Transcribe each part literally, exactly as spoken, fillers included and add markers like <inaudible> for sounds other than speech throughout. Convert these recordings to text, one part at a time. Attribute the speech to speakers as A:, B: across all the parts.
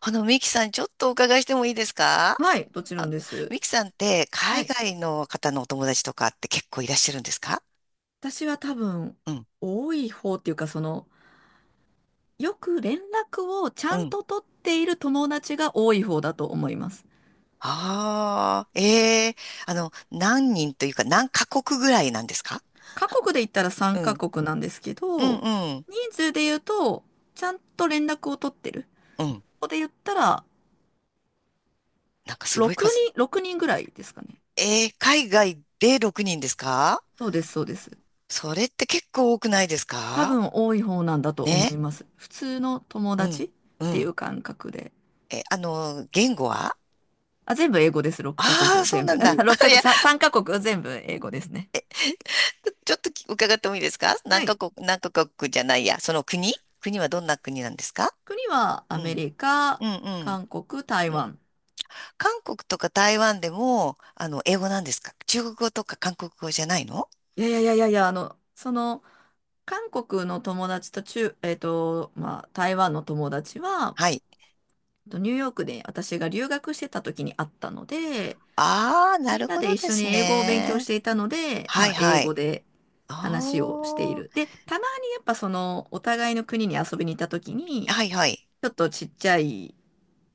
A: あの、ミキさん、ちょっとお伺いしてもいいですか？
B: はい、もちろんです。
A: ミキさんって、
B: は
A: 海
B: い。
A: 外の方のお友達とかって結構いらっしゃるんですか？
B: 私は多分、
A: うん、
B: 多い方っていうか、その、よく連絡をちゃ
A: う
B: ん
A: ん。
B: と取っている友達が多い方だと思います。
A: ああ、ええ。あの、何人というか、何カ国ぐらいなんですか？
B: 各国で言ったら
A: う
B: さんカ
A: ん、
B: 国なんですけ
A: うん、
B: ど、
A: うん、
B: 人数で言うと、ちゃんと連絡を取ってる。
A: うん。
B: ここで言ったら、
A: なんかすごい
B: 6
A: 数。
B: 人、ろくにんぐらいですかね。
A: ええ、海外でろくにんですか？
B: そうです、そうです。
A: それって結構多くないです
B: 多
A: か？
B: 分多い方なんだと思
A: ね。
B: います。普通の友
A: う
B: 達
A: ん、
B: っ
A: う
B: てい
A: ん。
B: う感覚で。
A: え、あの、言語は？
B: あ、全部英語です。ろっカ
A: ああー、
B: 国
A: そう
B: 全
A: な
B: 部。
A: んだ。
B: <laughs> ろっカ国、
A: <laughs>
B: さん、カ国全部英語ですね。
A: ちょっと伺ってもいいですか？
B: は
A: 何カ
B: い。
A: 国、何カ国じゃないや、その国、国はどんな国なんですか？
B: 国はア
A: う
B: メ
A: ん。
B: リカ、
A: うん、うん、
B: 韓国、台
A: うん。
B: 湾。
A: 韓国とか台湾でも、あの、英語なんですか？中国語とか韓国語じゃないの？
B: いやいやいやいやいや、あの、その、韓国の友達と中、えっと、まあ、台湾の友達は、
A: はい。
B: えっとニューヨークで私が留学してた時に会ったので、
A: ああ、な
B: みん
A: る
B: な
A: ほ
B: で
A: ど
B: 一
A: で
B: 緒に
A: す
B: 英語を勉強し
A: ね。
B: ていたので、
A: は
B: ま
A: い、
B: あ、英
A: は
B: 語
A: い。
B: で
A: あ
B: 話をしている。で、たまにやっぱその、お互いの国に遊びに行った時
A: あ、
B: に、
A: はい、はい。
B: ちょっとちっちゃい、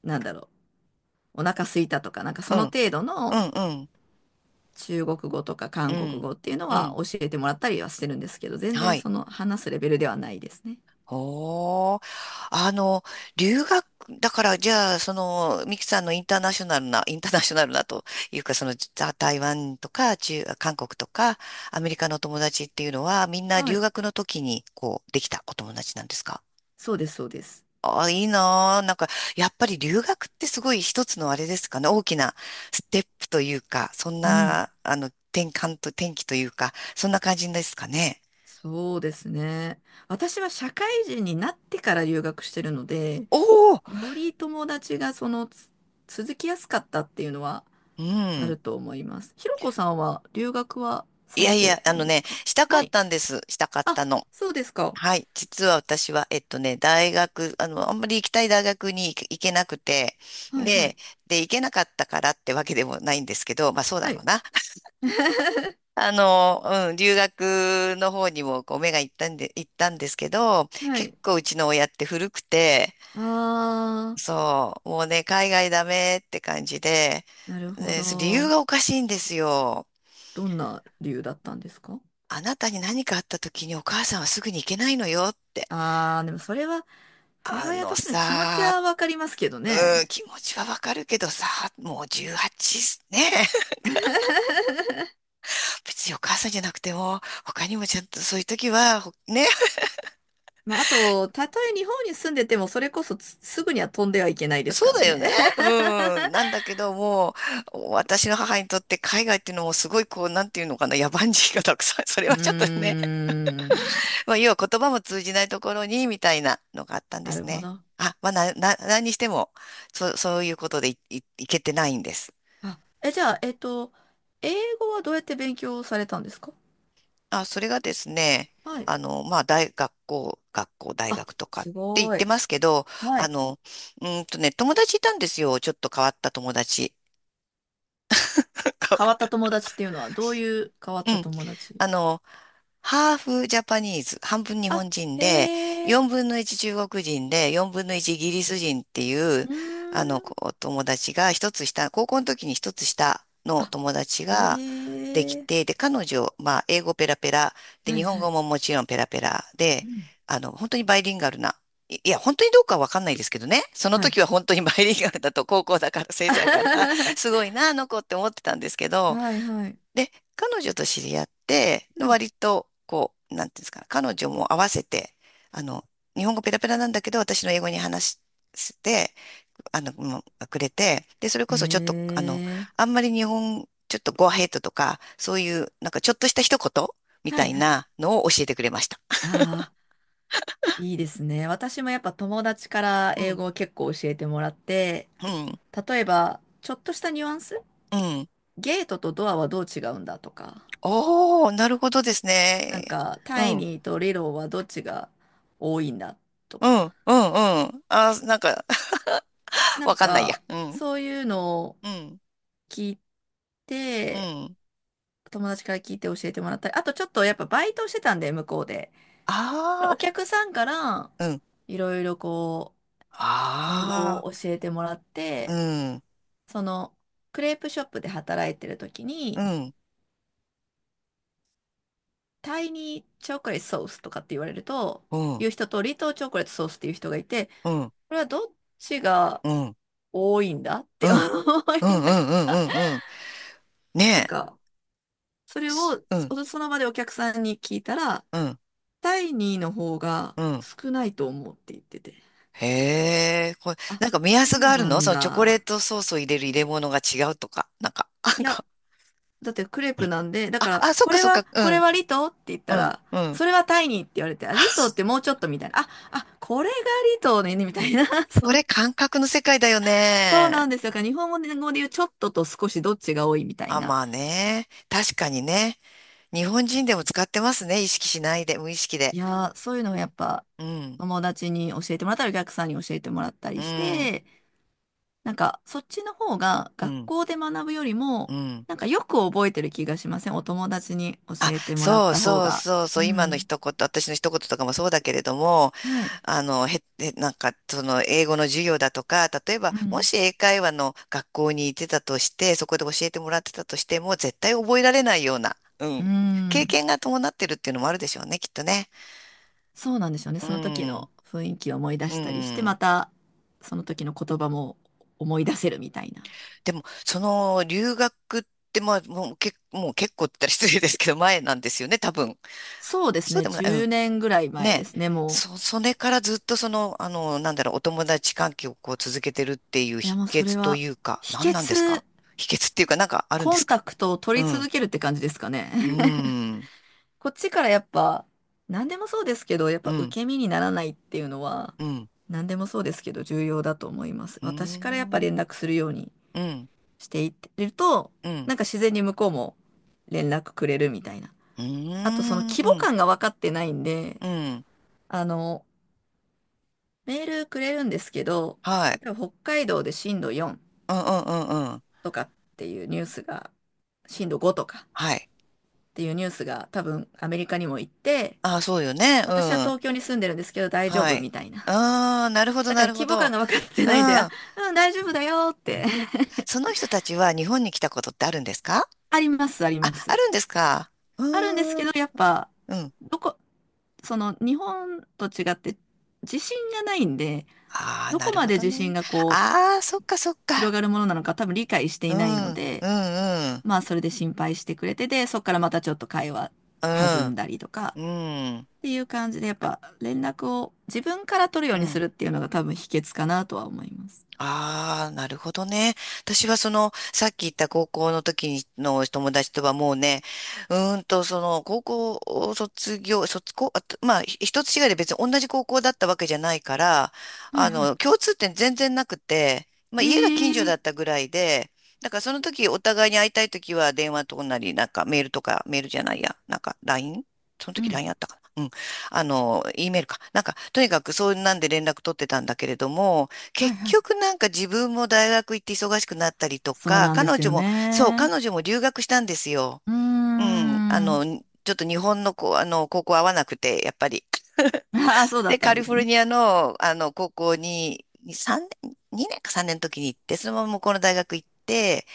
B: なんだろう、お腹空いたとか、なんか
A: う
B: その
A: ん、
B: 程度
A: う
B: の、
A: ん、うん、
B: 中国語とか
A: う
B: 韓国
A: ん、
B: 語っていうの
A: う
B: は
A: ん。
B: 教えてもらったりはしてるんですけど、全
A: は
B: 然
A: い。
B: その話すレベルではないですね。
A: おー。あの、留学、だから、じゃあ、その、ミキさんのインターナショナルな、インターナショナルなというか、その、た台湾とか、中、韓国とか、アメリカのお友達っていうのは、みんな
B: は
A: 留
B: い。
A: 学の時に、こう、できたお友達なんですか？
B: そうです、そうです。
A: ああ、いいなー。なんか、やっぱり留学ってすごい一つのあれですかね、大きなステップというか、そん
B: うん。
A: な、あの、転換と、転機というか、そんな感じですかね。
B: そうですね。私は社会人になってから留学してるので、
A: おお、
B: より友達がそのつ続きやすかったっていうのは
A: う
B: あ
A: ん。
B: ると思います。ひろこさんは留学は
A: い
B: さ
A: や
B: れ
A: い
B: て
A: や、あ
B: ないん
A: の
B: です
A: ね、
B: か？
A: した
B: は
A: かっ
B: い。
A: たんです。したかっ
B: あ、
A: たの。
B: そうですか。
A: はい。実は私は、えっとね、大学、あの、あんまり行きたい大学に行け行けなくて、
B: はいは
A: で、
B: い。
A: で、行けなかったからってわけでもないんですけど、まあそうだ
B: は
A: ろう
B: い。
A: な。
B: <laughs>
A: あの、うん、留学の方にもこう目が行ったんで、行ったんですけど、
B: は
A: 結
B: い。
A: 構うちの親って古くて、
B: あ
A: そう、もうね、海外ダメって感じで、
B: ー、なるほ
A: で、そ理由
B: ど。
A: がおかしいんですよ。
B: どんな理由だったんですか？
A: あなたに何かあった時にお母さんはすぐに行けないのよって。
B: ああー、でもそれは母
A: あ
B: 親
A: の
B: としての気持ち
A: さ、
B: はわかりますけど
A: うん、
B: ね。
A: 気持ちはわかるけどさ、もうじゅうはちね。
B: <laughs>
A: <laughs> 別にお母さんじゃなくても、他にもちゃんとそういう時は、ほね、
B: まあ、あと、たとえ日本に住んでても、それこそつすぐには飛んではいけないです
A: そ
B: か
A: う
B: ら
A: だよ
B: ね。
A: ね。うん、なんだけども、う、私の母にとって海外っていうのもすごいこう、なんていうのかな、野蛮人がたくさん、そ
B: <laughs>
A: れ
B: う
A: はちょっとね、
B: ーん。
A: まあ、要は言葉も通じないところに、みたいなのがあったんで
B: な
A: す
B: るほ
A: ね。
B: ど。
A: あ、まあ、な、な、何にしても、そ、そういうことでい、い、いけてないんです。
B: あ、え、じゃあ、えっと、英語はどうやって勉強されたんですか？
A: あ、それがですね、
B: はい。
A: あの、まあ、大学校、学校、大
B: あ、
A: 学とかっ
B: す
A: て言っ
B: ご
A: て
B: い。
A: ますけど、
B: は
A: あ
B: い。
A: の、うーんとね、友達いたんですよ。ちょっと変わった友達。<laughs> 変わ
B: 変わ
A: っ
B: った友
A: た。
B: 達っていうのは、どういう変わっ
A: う
B: た
A: ん。
B: 友達？
A: あの、ハーフジャパニーズ、半分日
B: あ、
A: 本人で、
B: へえ。
A: よんぶんのいち中国人で、よんぶんのいちイギリス人っていう、
B: うー
A: あの、
B: ん。
A: こう友達が一つ下、高校の時に一つ下の
B: あ、
A: 友達
B: へ
A: ができ
B: え。
A: て、で、彼女、まあ、英語ペラペラ、で、
B: は
A: 日
B: い
A: 本
B: は
A: 語
B: い。
A: ももちろんペラペラ
B: う
A: で、
B: ん。
A: あの、本当にバイリンガルな、いいや、本当にどうかわかんないですけどね、その
B: はい。
A: 時は本当にバイリンガルだと、高校だから、先生だから、すごい
B: <laughs>
A: な、あの子って思ってたんですけど、
B: はいはい。
A: で、彼女と知り合って、
B: うん。
A: 割と、こう、なんていうんですかね、彼女も合わせて、あの、日本語ペラペラなんだけど、私の英語に話して、あの、もうくれて、で、それ
B: え
A: こそちょっと、あの、
B: え。
A: あんまり日本、ちょっとゴアヘイトとか、そういう、なんかちょっとした一言み
B: は
A: た
B: い
A: い
B: はい。
A: なのを教えてくれました。
B: ああ、いいですね。私もやっぱ友達から
A: う
B: 英
A: ん。
B: 語を結構教えてもらって、
A: うん。
B: 例えば、ちょっとしたニュアンス、
A: うん。
B: ゲートとドアはどう違うんだとか、
A: おー、なるほどです
B: なん
A: ね。
B: か、
A: う
B: タイ
A: ん。
B: ニーとリローはどっちが多いんだと
A: う
B: か、
A: ん。うん。うん。あー、なんか、 <laughs>、
B: な
A: わ
B: ん
A: かんないや。
B: か、
A: うん。
B: そういうのを
A: うん。
B: 聞い
A: う
B: て、
A: ん。
B: 友達から聞いて教えてもらったり、あとちょっとやっぱバイトをしてたんで、向こうで。
A: あ
B: お客さんから
A: あ、うん。
B: いろいろこう、英語
A: あ
B: を教えてもらっ
A: あ、う
B: て、
A: ん、
B: そのクレープショップで働いてる時
A: う
B: に、
A: ん、
B: タイニーチョコレートソースとかって言われると、
A: うん、
B: いう人とリトーチョコレートソースっていう人がいて、
A: うん、
B: これはどっちが
A: うん、うん、
B: 多いんだっ
A: う
B: て
A: ん、う
B: 思
A: ん、
B: い
A: うん、
B: ながら、
A: うん、うん。
B: なん
A: ねえ。
B: か、それ
A: す
B: を
A: うん、
B: そその場でお客さんに聞いたら、
A: うん、
B: タイニーの方が
A: うん。
B: 少ないと思うって言ってて、
A: へえ、これ、
B: あ、
A: なんか目
B: そ
A: 安が
B: う
A: ある
B: な
A: の？
B: ん
A: そのチョコレー
B: だ。
A: トソースを入れる入れ物が違うとか、なんか、<laughs> な
B: い
A: ん
B: や、
A: か、
B: だってクレープなんで、だ
A: あ、
B: から、
A: あ、そっ
B: こ
A: か
B: れ
A: そっ
B: は、
A: か、う
B: これ
A: ん、
B: はリトーって言っ
A: う
B: た
A: ん、
B: ら、
A: うん。
B: それはタイニーって言われて、あ、リトー
A: <laughs>
B: ってもうちょっとみたいな。あ、あ、これがリトーね、みたいな。<laughs> そ
A: そ
B: う、
A: れ感覚の世界だよ
B: そうな
A: ね。
B: んですよ。だから日本語で語で言うちょっとと少しどっちが多いみたい
A: あ、
B: な。
A: まあね。確かにね。日本人でも使ってますね。意識しないで、無意識
B: い
A: で。
B: やー、そういうのをやっぱ
A: うん、
B: 友達に教えてもらったり、お客さんに教えてもらった
A: う
B: りし
A: ん、
B: て、なんかそっちの方が
A: う
B: 学
A: ん、
B: 校で学ぶより
A: う
B: も、
A: ん。
B: なんかよく覚えてる気がしません？お友達に教
A: あ、
B: えてもらっ
A: そう
B: た方
A: そう
B: が。
A: そうそ
B: う
A: う、今の
B: ん。
A: 一言、私の一言とかもそうだけれども、
B: はい。
A: あの、へ、へなんか、その、英語の授業だとか、例えば、
B: う
A: も
B: ん。
A: し英会話の学校に行ってたとして、そこで教えてもらってたとしても、絶対覚えられないような、う
B: う
A: ん、経
B: ん。
A: 験が伴ってるっていうのもあるでしょうね、きっとね。
B: そうなんですよね。
A: う
B: その時
A: ん、
B: の雰囲気を思い出
A: う
B: したりして、ま
A: ん。
B: たその時の言葉も思い出せるみたいな。
A: でも、その、留学って、まあ、もう、け、もう結構って言ったら失礼ですけど、前なんですよね、多分。
B: そうです
A: そう
B: ね。
A: でもな
B: 10
A: い。
B: 年ぐらい前で
A: ね、
B: すね、も
A: そ、それからずっとその、あの、なんだろう、お友達関係をこう続けてるっていう
B: う。いや、
A: 秘
B: もうそれ
A: 訣と
B: は、
A: いうか、
B: 秘
A: 何なんですか？
B: 訣、
A: 秘訣っていうか、なんかあるんで
B: コ
A: す
B: ン
A: か？
B: タクトを取
A: う
B: り
A: ん、
B: 続けるって感じですかね。
A: うん、
B: <laughs> こっちからやっぱ、何でもそうですけど、やっ
A: う
B: ぱ
A: ん、
B: 受け身にならないっていうのは、
A: うん、うん、
B: 何でもそうですけど、重要だと思います。
A: う
B: 私からやっぱ
A: ん、
B: 連絡するように
A: うん、
B: していってると、
A: うん、
B: なんか自然に向こうも連絡くれるみたいな。
A: う
B: あとその規模
A: ん、
B: 感が分かってないんで、
A: うん、
B: あの、メールくれるんですけど、
A: はい、
B: 例えば北海道で震度よん
A: うん、うん、うん、うん、
B: とかっていうニュースが、震度ごとかっ
A: はい。
B: ていうニュースが多分アメリカにも行って、
A: ああ、そうよね、う
B: 私は
A: ん、
B: 東京に住んでるんですけど大丈
A: は
B: 夫
A: い。
B: みたいな。
A: ああ、なるほど、
B: だか
A: な
B: ら
A: るほ
B: 規模感
A: ど。
B: が分かって
A: う
B: ないんで、あ、
A: ん。
B: うん、大丈夫だよって
A: その人たちは日本に来たことってあるんですか？
B: <laughs> あります、あり
A: あ、
B: ま
A: あ
B: す。
A: るんですか？う
B: あるんですけ
A: ー
B: ど、
A: ん。
B: やっぱ、
A: うん。
B: どこ、その日本と違って地震がないんで、
A: ああ、
B: ど
A: な
B: こ
A: る
B: ま
A: ほ
B: で
A: ど
B: 地震
A: ね。
B: がこう
A: ああ、そっかそっ
B: 広
A: か。
B: がるものなのか多分理解して
A: う
B: いない
A: ん、
B: の
A: うん、う
B: で、
A: ん、
B: まあそれで心配してくれて、で、そっからまたちょっと会話
A: う
B: 弾ん
A: ん、
B: だりとか
A: うん、
B: っていう感じで、やっぱ連絡を自分から取るよう
A: う
B: にす
A: ん。
B: るっていうのが多分秘訣かなとは思います。
A: ああ、なるほどね。私はその、さっき言った高校の時にの友達とはもうね、うーんと、その、高校を卒業、卒高、あとまあ、ひ一つ違いで別に同じ高校だったわけじゃないから、
B: は
A: あ
B: いはい。
A: の、共通点全然なくて、まあ、
B: え
A: 家が近所だ
B: え。
A: ったぐらいで、だからその時お互いに会いたい時は電話とかなり、なんかメールとか、メールじゃないや、なんか ライン？ その
B: う
A: 時ラ
B: ん。
A: イン e あったかな、うん。あの、E メールか。なんか、とにかくそんなんで連絡取ってたんだけれども、
B: は
A: 結
B: いはい。
A: 局なんか自分も大学行って忙しくなったりと
B: そう
A: か、
B: なんで
A: 彼
B: す
A: 女
B: よ
A: も、そう、
B: ね。
A: 彼女も留学したんですよ。
B: うー
A: うん。あ
B: ん。
A: の、ちょっと日本のこう、あの、高校合わなくて、やっぱり。
B: <laughs> ああ、そうだっ
A: で、
B: た
A: カ
B: ん
A: リ
B: で
A: フ
B: す
A: ォル
B: ね。
A: ニアの、あの、高校に、さんねんにさんねん、にねんかさんねんの時に行って、そのまま向こうの大学行って、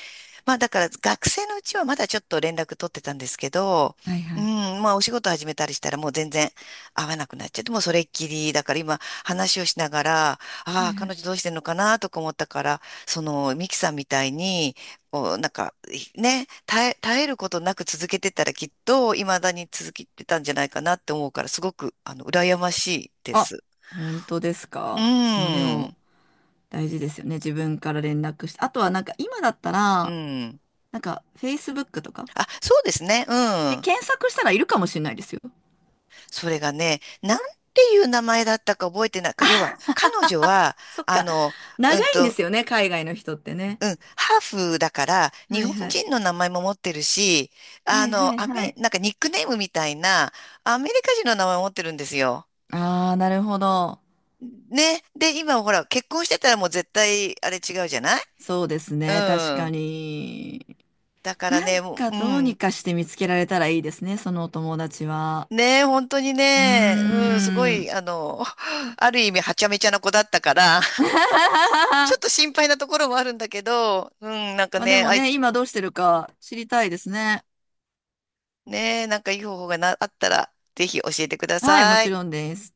A: まあだから学生のうちはまだちょっと連絡取ってたんですけど、
B: はい
A: う
B: は
A: ん、
B: い。
A: まあお仕事始めたりしたらもう全然会わなくなっちゃって、もうそれっきり、だから今話をしながら、あ
B: は
A: あ、
B: いは
A: 彼女
B: い。
A: どうしてんのかなとか思ったから、そのミキさんみたいに、こうなんかね、耐え、耐えることなく続けてたらきっと未だに続けてたんじゃないかなって思うから、すごくあの羨ましいで
B: あ、
A: す。
B: 本当です
A: う
B: か。まあでも、
A: ん、
B: 大事ですよね。自分から連絡して。あとはなんか今だった
A: う
B: ら、
A: ん。
B: なんか、Facebook とか。
A: あ、そうですね、う
B: で、
A: ん。
B: 検索したらいるかもしれないですよ。
A: それがね、なんていう名前だったか覚えてない。要は、彼女は、
B: そっ
A: あ
B: か。
A: の、
B: 長
A: うん
B: いんで
A: と、
B: すよね、海外の人ってね。
A: うん、ハーフだから、日
B: はい
A: 本
B: はい。
A: 人の名前も持ってるし、あ
B: はいは
A: の、
B: い
A: ア
B: は
A: メ、
B: い。
A: なんかニックネームみたいな、アメリカ人の名前を持ってるんですよ。
B: ああ、なるほど。
A: ね。で、今ほら、結婚してたらもう絶対、あれ違うじゃない。
B: そうです
A: う
B: ね、確か
A: ん。
B: に。
A: だから
B: な
A: ね、
B: ん
A: も
B: か
A: う、う
B: どうに
A: ん。
B: かして見つけられたらいいですね、そのお友達は。
A: ね、本当に
B: う
A: ね、うん、すご
B: ー
A: い、
B: ん。
A: あの、<laughs> ある意味、はちゃめちゃな子だったから、ちょ
B: <laughs>
A: っと心配なところもあるんだけど、うん、なんか
B: まあで
A: ね、
B: も
A: あい、
B: ね、今どうしてるか知りたいですね。
A: ね、なんかいい方法がな、あったら、ぜひ教えてくだ
B: はい、も
A: さ
B: ち
A: い。
B: ろんです。